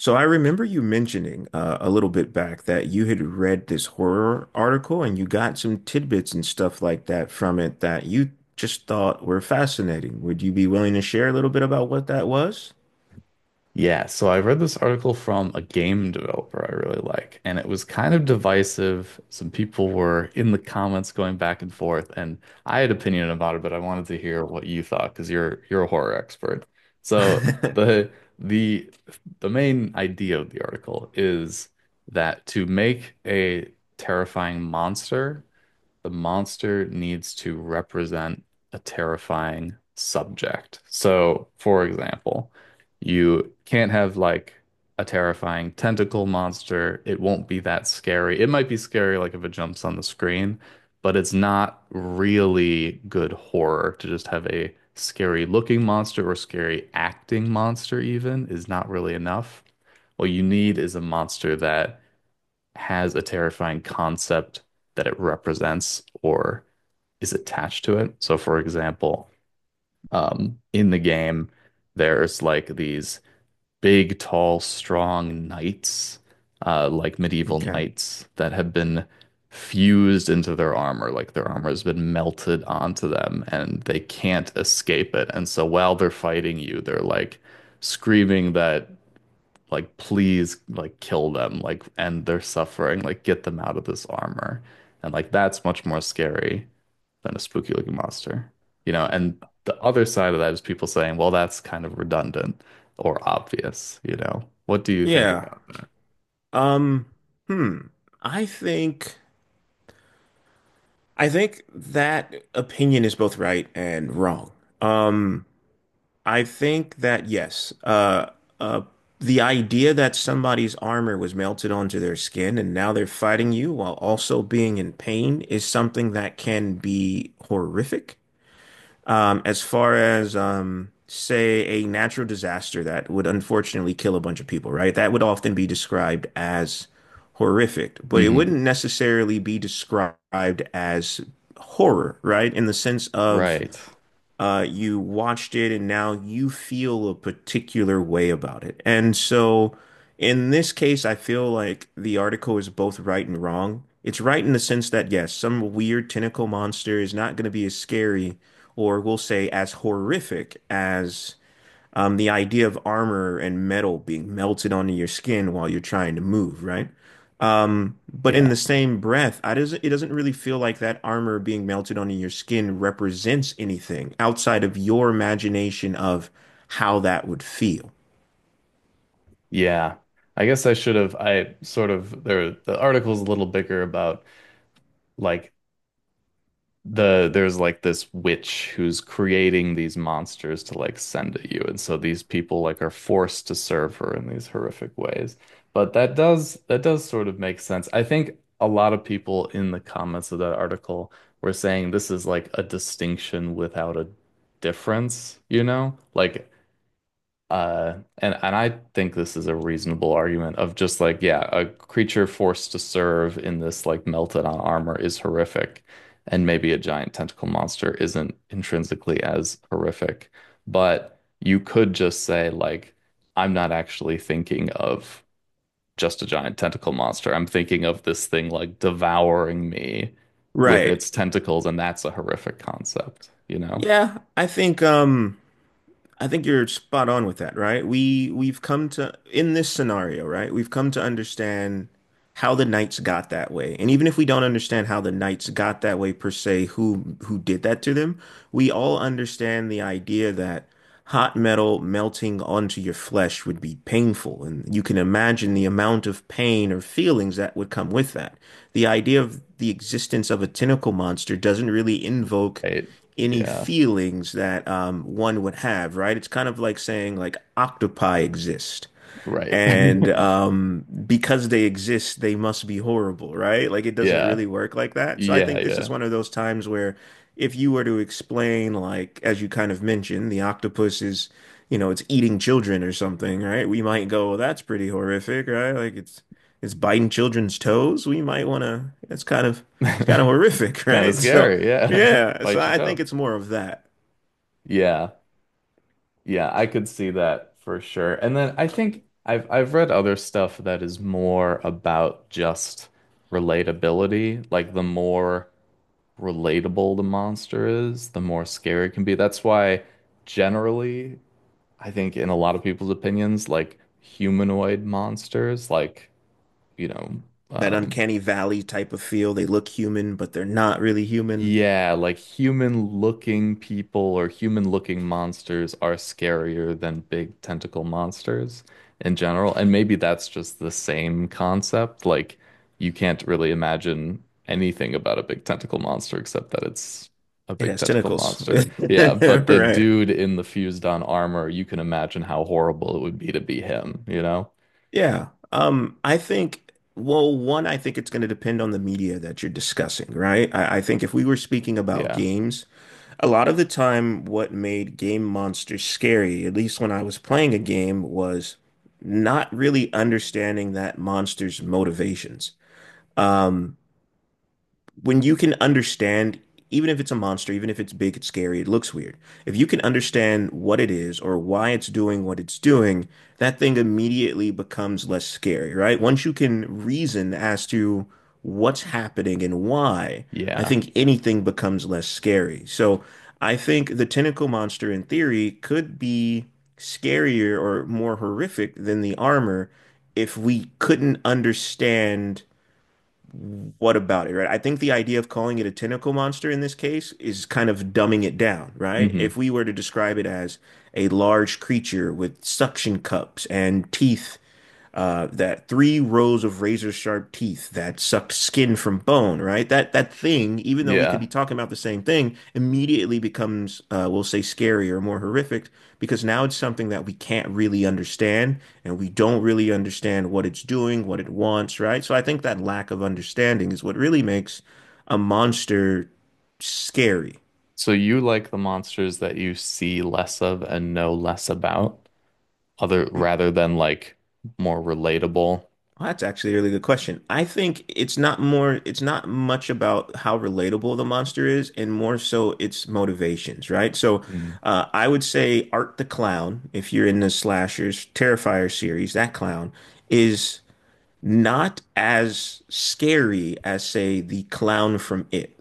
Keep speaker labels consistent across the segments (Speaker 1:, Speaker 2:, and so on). Speaker 1: So I remember you mentioning a little bit back that you had read this horror article and you got some tidbits and stuff like that from it that you just thought were fascinating. Would you be willing to share a little bit about what that was?
Speaker 2: Yeah, so I read this article from a game developer I really like, and it was kind of divisive. Some people were in the comments going back and forth, and I had opinion about it, but I wanted to hear what you thought because you're a horror expert. So the the main idea of the article is that to make a terrifying monster, the monster needs to represent a terrifying subject. So, for example, you can't have like a terrifying tentacle monster. It won't be that scary. It might be scary like if it jumps on the screen, but it's not really good horror to just have a scary looking monster or scary acting monster even is not really enough. What you need is a monster that has a terrifying concept that it represents or is attached to it. So, for example, in the game, there's like these big, tall, strong knights, like medieval
Speaker 1: Okay.
Speaker 2: knights that have been fused into their armor. Like their armor has been melted onto them and they can't escape it. And so while they're fighting you, they're like screaming that like please like kill them like end their suffering like get them out of this armor and like that's much more scary than a spooky looking monster, you know, and the other side of that is people saying well that's kind of redundant or obvious, you know, what do you think
Speaker 1: Yeah.
Speaker 2: about that?
Speaker 1: Um, hmm. I think I think that opinion is both right and wrong. Um, I think that yes, uh, the idea that somebody's armor was melted onto their skin and now they're fighting you while also being in pain is something that can be horrific. As far as say a natural disaster that would unfortunately kill a bunch of people, right? That would often be described as horrific, but it
Speaker 2: Hmm.
Speaker 1: wouldn't necessarily be described as horror, right? In the sense of
Speaker 2: Right.
Speaker 1: you watched it and now you feel a particular way about it. And so in this case, I feel like the article is both right and wrong. It's right in the sense that, yes, some weird tentacle monster is not going to be as scary or we'll say as horrific as the idea of armor and metal being melted onto your skin while you're trying to move, right? But in
Speaker 2: Yeah,
Speaker 1: the same breath, I doesn't it doesn't really feel like that armor being melted onto your skin represents anything outside of your imagination of how that would feel.
Speaker 2: yeah, I guess I should have I sort of there the article's a little bigger about like the there's like this witch who's creating these monsters to like send at you and so these people like are forced to serve her in these horrific ways, but that does sort of make sense. I think a lot of people in the comments of that article were saying this is like a distinction without a difference, you know, like and I think this is a reasonable argument of just like, yeah, a creature forced to serve in this like melted on armor is horrific, and maybe a giant tentacle monster isn't intrinsically as horrific, but you could just say like, I'm not actually thinking of just a giant tentacle monster. I'm thinking of this thing like devouring me with
Speaker 1: Right.
Speaker 2: its tentacles, and that's a horrific concept, you know?
Speaker 1: Yeah, I think you're spot on with that, right? We've come to in this scenario, right? We've come to understand how the Knights got that way. And even if we don't understand how the Knights got that way per se, who did that to them, we all understand the idea that hot metal melting onto your flesh would be painful, and you can imagine the amount of pain or feelings that would come with that. The idea of the existence of a tentacle monster doesn't really invoke
Speaker 2: Right.
Speaker 1: any
Speaker 2: Yeah,
Speaker 1: feelings that one would have, right? It's kind of like saying like octopi exist.
Speaker 2: right.
Speaker 1: And because they exist, they must be horrible, right? Like it doesn't really
Speaker 2: Yeah.
Speaker 1: work like that. So I
Speaker 2: Yeah,
Speaker 1: think this is
Speaker 2: yeah.
Speaker 1: one of those times where if you were to explain, like, as you kind of mentioned, the octopus is, you know, it's eating children or something, right? We might go, well, that's pretty horrific, right? Like it's biting children's toes. We might want to, it's kind of horrific,
Speaker 2: Kind of
Speaker 1: right? So
Speaker 2: scary. Yeah.
Speaker 1: yeah, so
Speaker 2: Bite your
Speaker 1: I
Speaker 2: toe.
Speaker 1: think it's more of that.
Speaker 2: Yeah. Yeah, I could see that for sure. And then I think I've read other stuff that is more about just relatability. Like the more relatable the monster is, the more scary it can be. That's why generally I think in a lot of people's opinions, like humanoid monsters, like, you know,
Speaker 1: That
Speaker 2: um,
Speaker 1: uncanny valley type of feel. They look human, but they're not really human.
Speaker 2: yeah, like human-looking people or human-looking monsters are scarier than big tentacle monsters in general. And maybe that's just the same concept. Like you can't really imagine anything about a big tentacle monster except that it's a
Speaker 1: It
Speaker 2: big
Speaker 1: has
Speaker 2: tentacle
Speaker 1: tentacles.
Speaker 2: monster. Yeah, but the
Speaker 1: Right.
Speaker 2: dude in the fused-on armor, you can imagine how horrible it would be to be him, you know?
Speaker 1: Yeah. I think, well, one, I think it's going to depend on the media that you're discussing, right? I think if we were speaking about
Speaker 2: Yeah.
Speaker 1: games, a lot of the time, what made game monsters scary, at least when I was playing a game, was not really understanding that monster's motivations. Um, when you can understand, even if it's a monster, even if it's big, it's scary, it looks weird. If you can understand what it is or why it's doing what it's doing, that thing immediately becomes less scary, right? Once you can reason as to what's happening and why, I
Speaker 2: Yeah.
Speaker 1: think anything becomes less scary. So I think the tentacle monster in theory could be scarier or more horrific than the armor if we couldn't understand what about it, right? I think the idea of calling it a tentacle monster in this case is kind of dumbing it down, right? If
Speaker 2: Hmm.
Speaker 1: we were to describe it as a large creature with suction cups and teeth that three rows of razor sharp teeth that sucked skin from bone, right? That that thing, even though we could
Speaker 2: Yeah.
Speaker 1: be talking about the same thing, immediately becomes, we'll say, scarier or more horrific because now it's something that we can't really understand and we don't really understand what it's doing, what it wants, right? So I think that lack of understanding is what really makes a monster scary.
Speaker 2: So you like the monsters that you see less of and know less about, other rather than like more relatable.
Speaker 1: Well, that's actually a really good question. I think it's not more, it's not much about how relatable the monster is, and more so its motivations, right? So,
Speaker 2: Mm.
Speaker 1: I would say Art the Clown, if you're in the slashers, Terrifier series, that clown is not as scary as, say, the clown from It,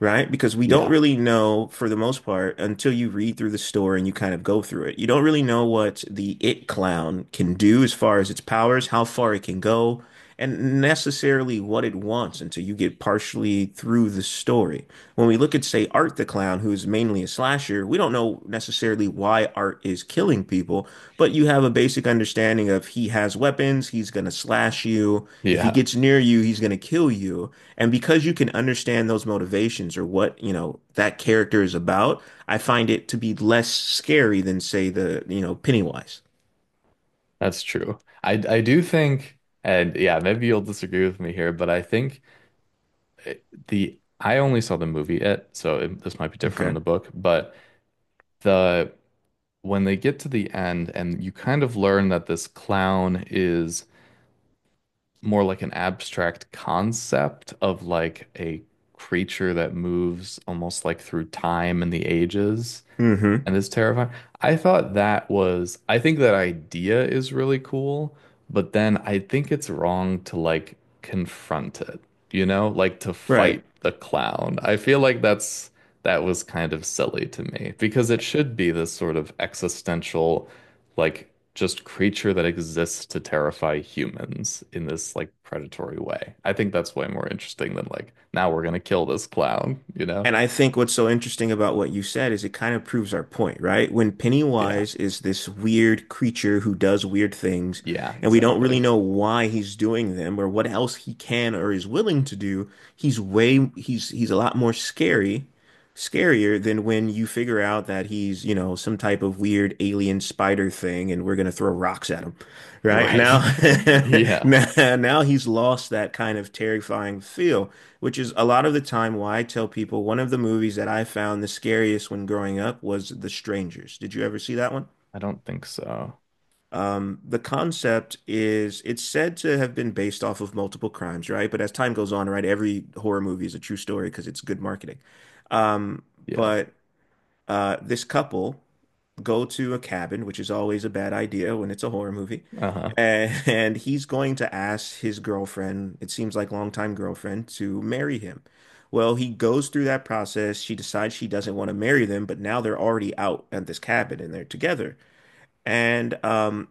Speaker 1: right? Because we don't
Speaker 2: Yeah.
Speaker 1: really know, for the most part, until you read through the story and you kind of go through it, you don't really know what the It clown can do as far as its powers, how far it can go, and necessarily what it wants until you get partially through the story. When we look at, say, Art the Clown who's mainly a slasher, we don't know necessarily why Art is killing people, but you have a basic understanding of he has weapons, he's going to slash you, if he
Speaker 2: Yeah,
Speaker 1: gets near you he's going to kill you, and because you can understand those motivations or what, you know, that character is about, I find it to be less scary than, say, the, you know, Pennywise.
Speaker 2: that's true. I do think, and yeah, maybe you'll disagree with me here, but I think the I only saw the movie It, so it, this might be different in
Speaker 1: Okay.
Speaker 2: the book, but the when they get to the end and you kind of learn that this clown is more like an abstract concept of like a creature that moves almost like through time and the ages.
Speaker 1: Mm-hmm.
Speaker 2: And it's terrifying. I thought that was, I think that idea is really cool, but then I think it's wrong to like confront it, you know, like to
Speaker 1: Right.
Speaker 2: fight the clown. I feel like that's, that was kind of silly to me because it should be this sort of existential, like just creature that exists to terrify humans in this like predatory way. I think that's way more interesting than like, now we're gonna kill this clown, you know?
Speaker 1: And I think what's so interesting about what you said is it kind of proves our point, right? When
Speaker 2: Yeah.
Speaker 1: Pennywise is this weird creature who does weird things,
Speaker 2: Yeah,
Speaker 1: and we don't really
Speaker 2: exactly.
Speaker 1: know why he's doing them or what else he can or is willing to do, he's way he's a lot more scary, scarier than when you figure out that he's, you know, some type of weird alien spider thing and we're gonna throw rocks at him, right? Now,
Speaker 2: Right. Yeah.
Speaker 1: now, now he's lost that kind of terrifying feel. Which is a lot of the time why I tell people one of the movies that I found the scariest when growing up was The Strangers. Did you ever see that one?
Speaker 2: I don't think so.
Speaker 1: The concept is it's said to have been based off of multiple crimes, right? But as time goes on, right, every horror movie is a true story because it's good marketing. Um,
Speaker 2: Yeah.
Speaker 1: but this couple go to a cabin, which is always a bad idea when it's a horror movie.
Speaker 2: Uh-huh.
Speaker 1: And he's going to ask his girlfriend, it seems like longtime girlfriend, to marry him. Well, he goes through that process. She decides she doesn't want to marry them, but now they're already out at this cabin and they're together. And um,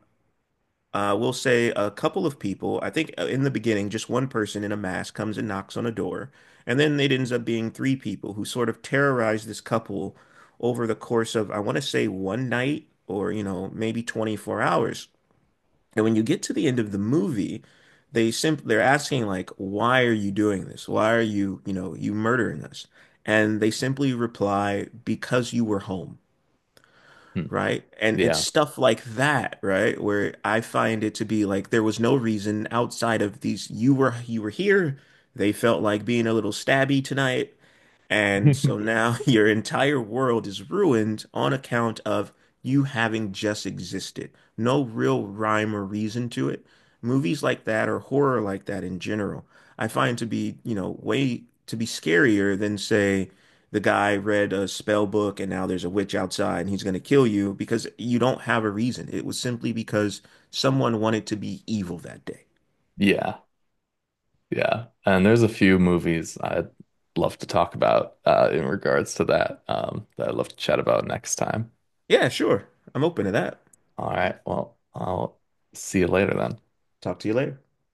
Speaker 1: uh, we'll say a couple of people. I think in the beginning, just one person in a mask comes and knocks on a door. And then it ends up being three people who sort of terrorize this couple over the course of, I want to say, one night or, you know, maybe 24 hours. And when you get to the end of the movie, they're asking like, why are you doing this? Why are you, you know, you murdering us? And they simply reply, because you were home.
Speaker 2: Hmm.
Speaker 1: Right. And it's
Speaker 2: Yeah.
Speaker 1: stuff like that, right? Where I find it to be like there was no reason outside of these you were here. They felt like being a little stabby tonight. And so now your entire world is ruined on account of you having just existed. No real rhyme or reason to it. Movies like that or horror like that in general, I find to be, you know, way to be scarier than, say, the guy read a spell book and now there's a witch outside and he's going to kill you because you don't have a reason. It was simply because someone wanted to be evil that day.
Speaker 2: Yeah. Yeah. And there's a few movies I'd love to talk about in regards to that that I'd love to chat about next time.
Speaker 1: Yeah, sure. I'm open to that.
Speaker 2: All right. Well, I'll see you later then.
Speaker 1: Talk to you later.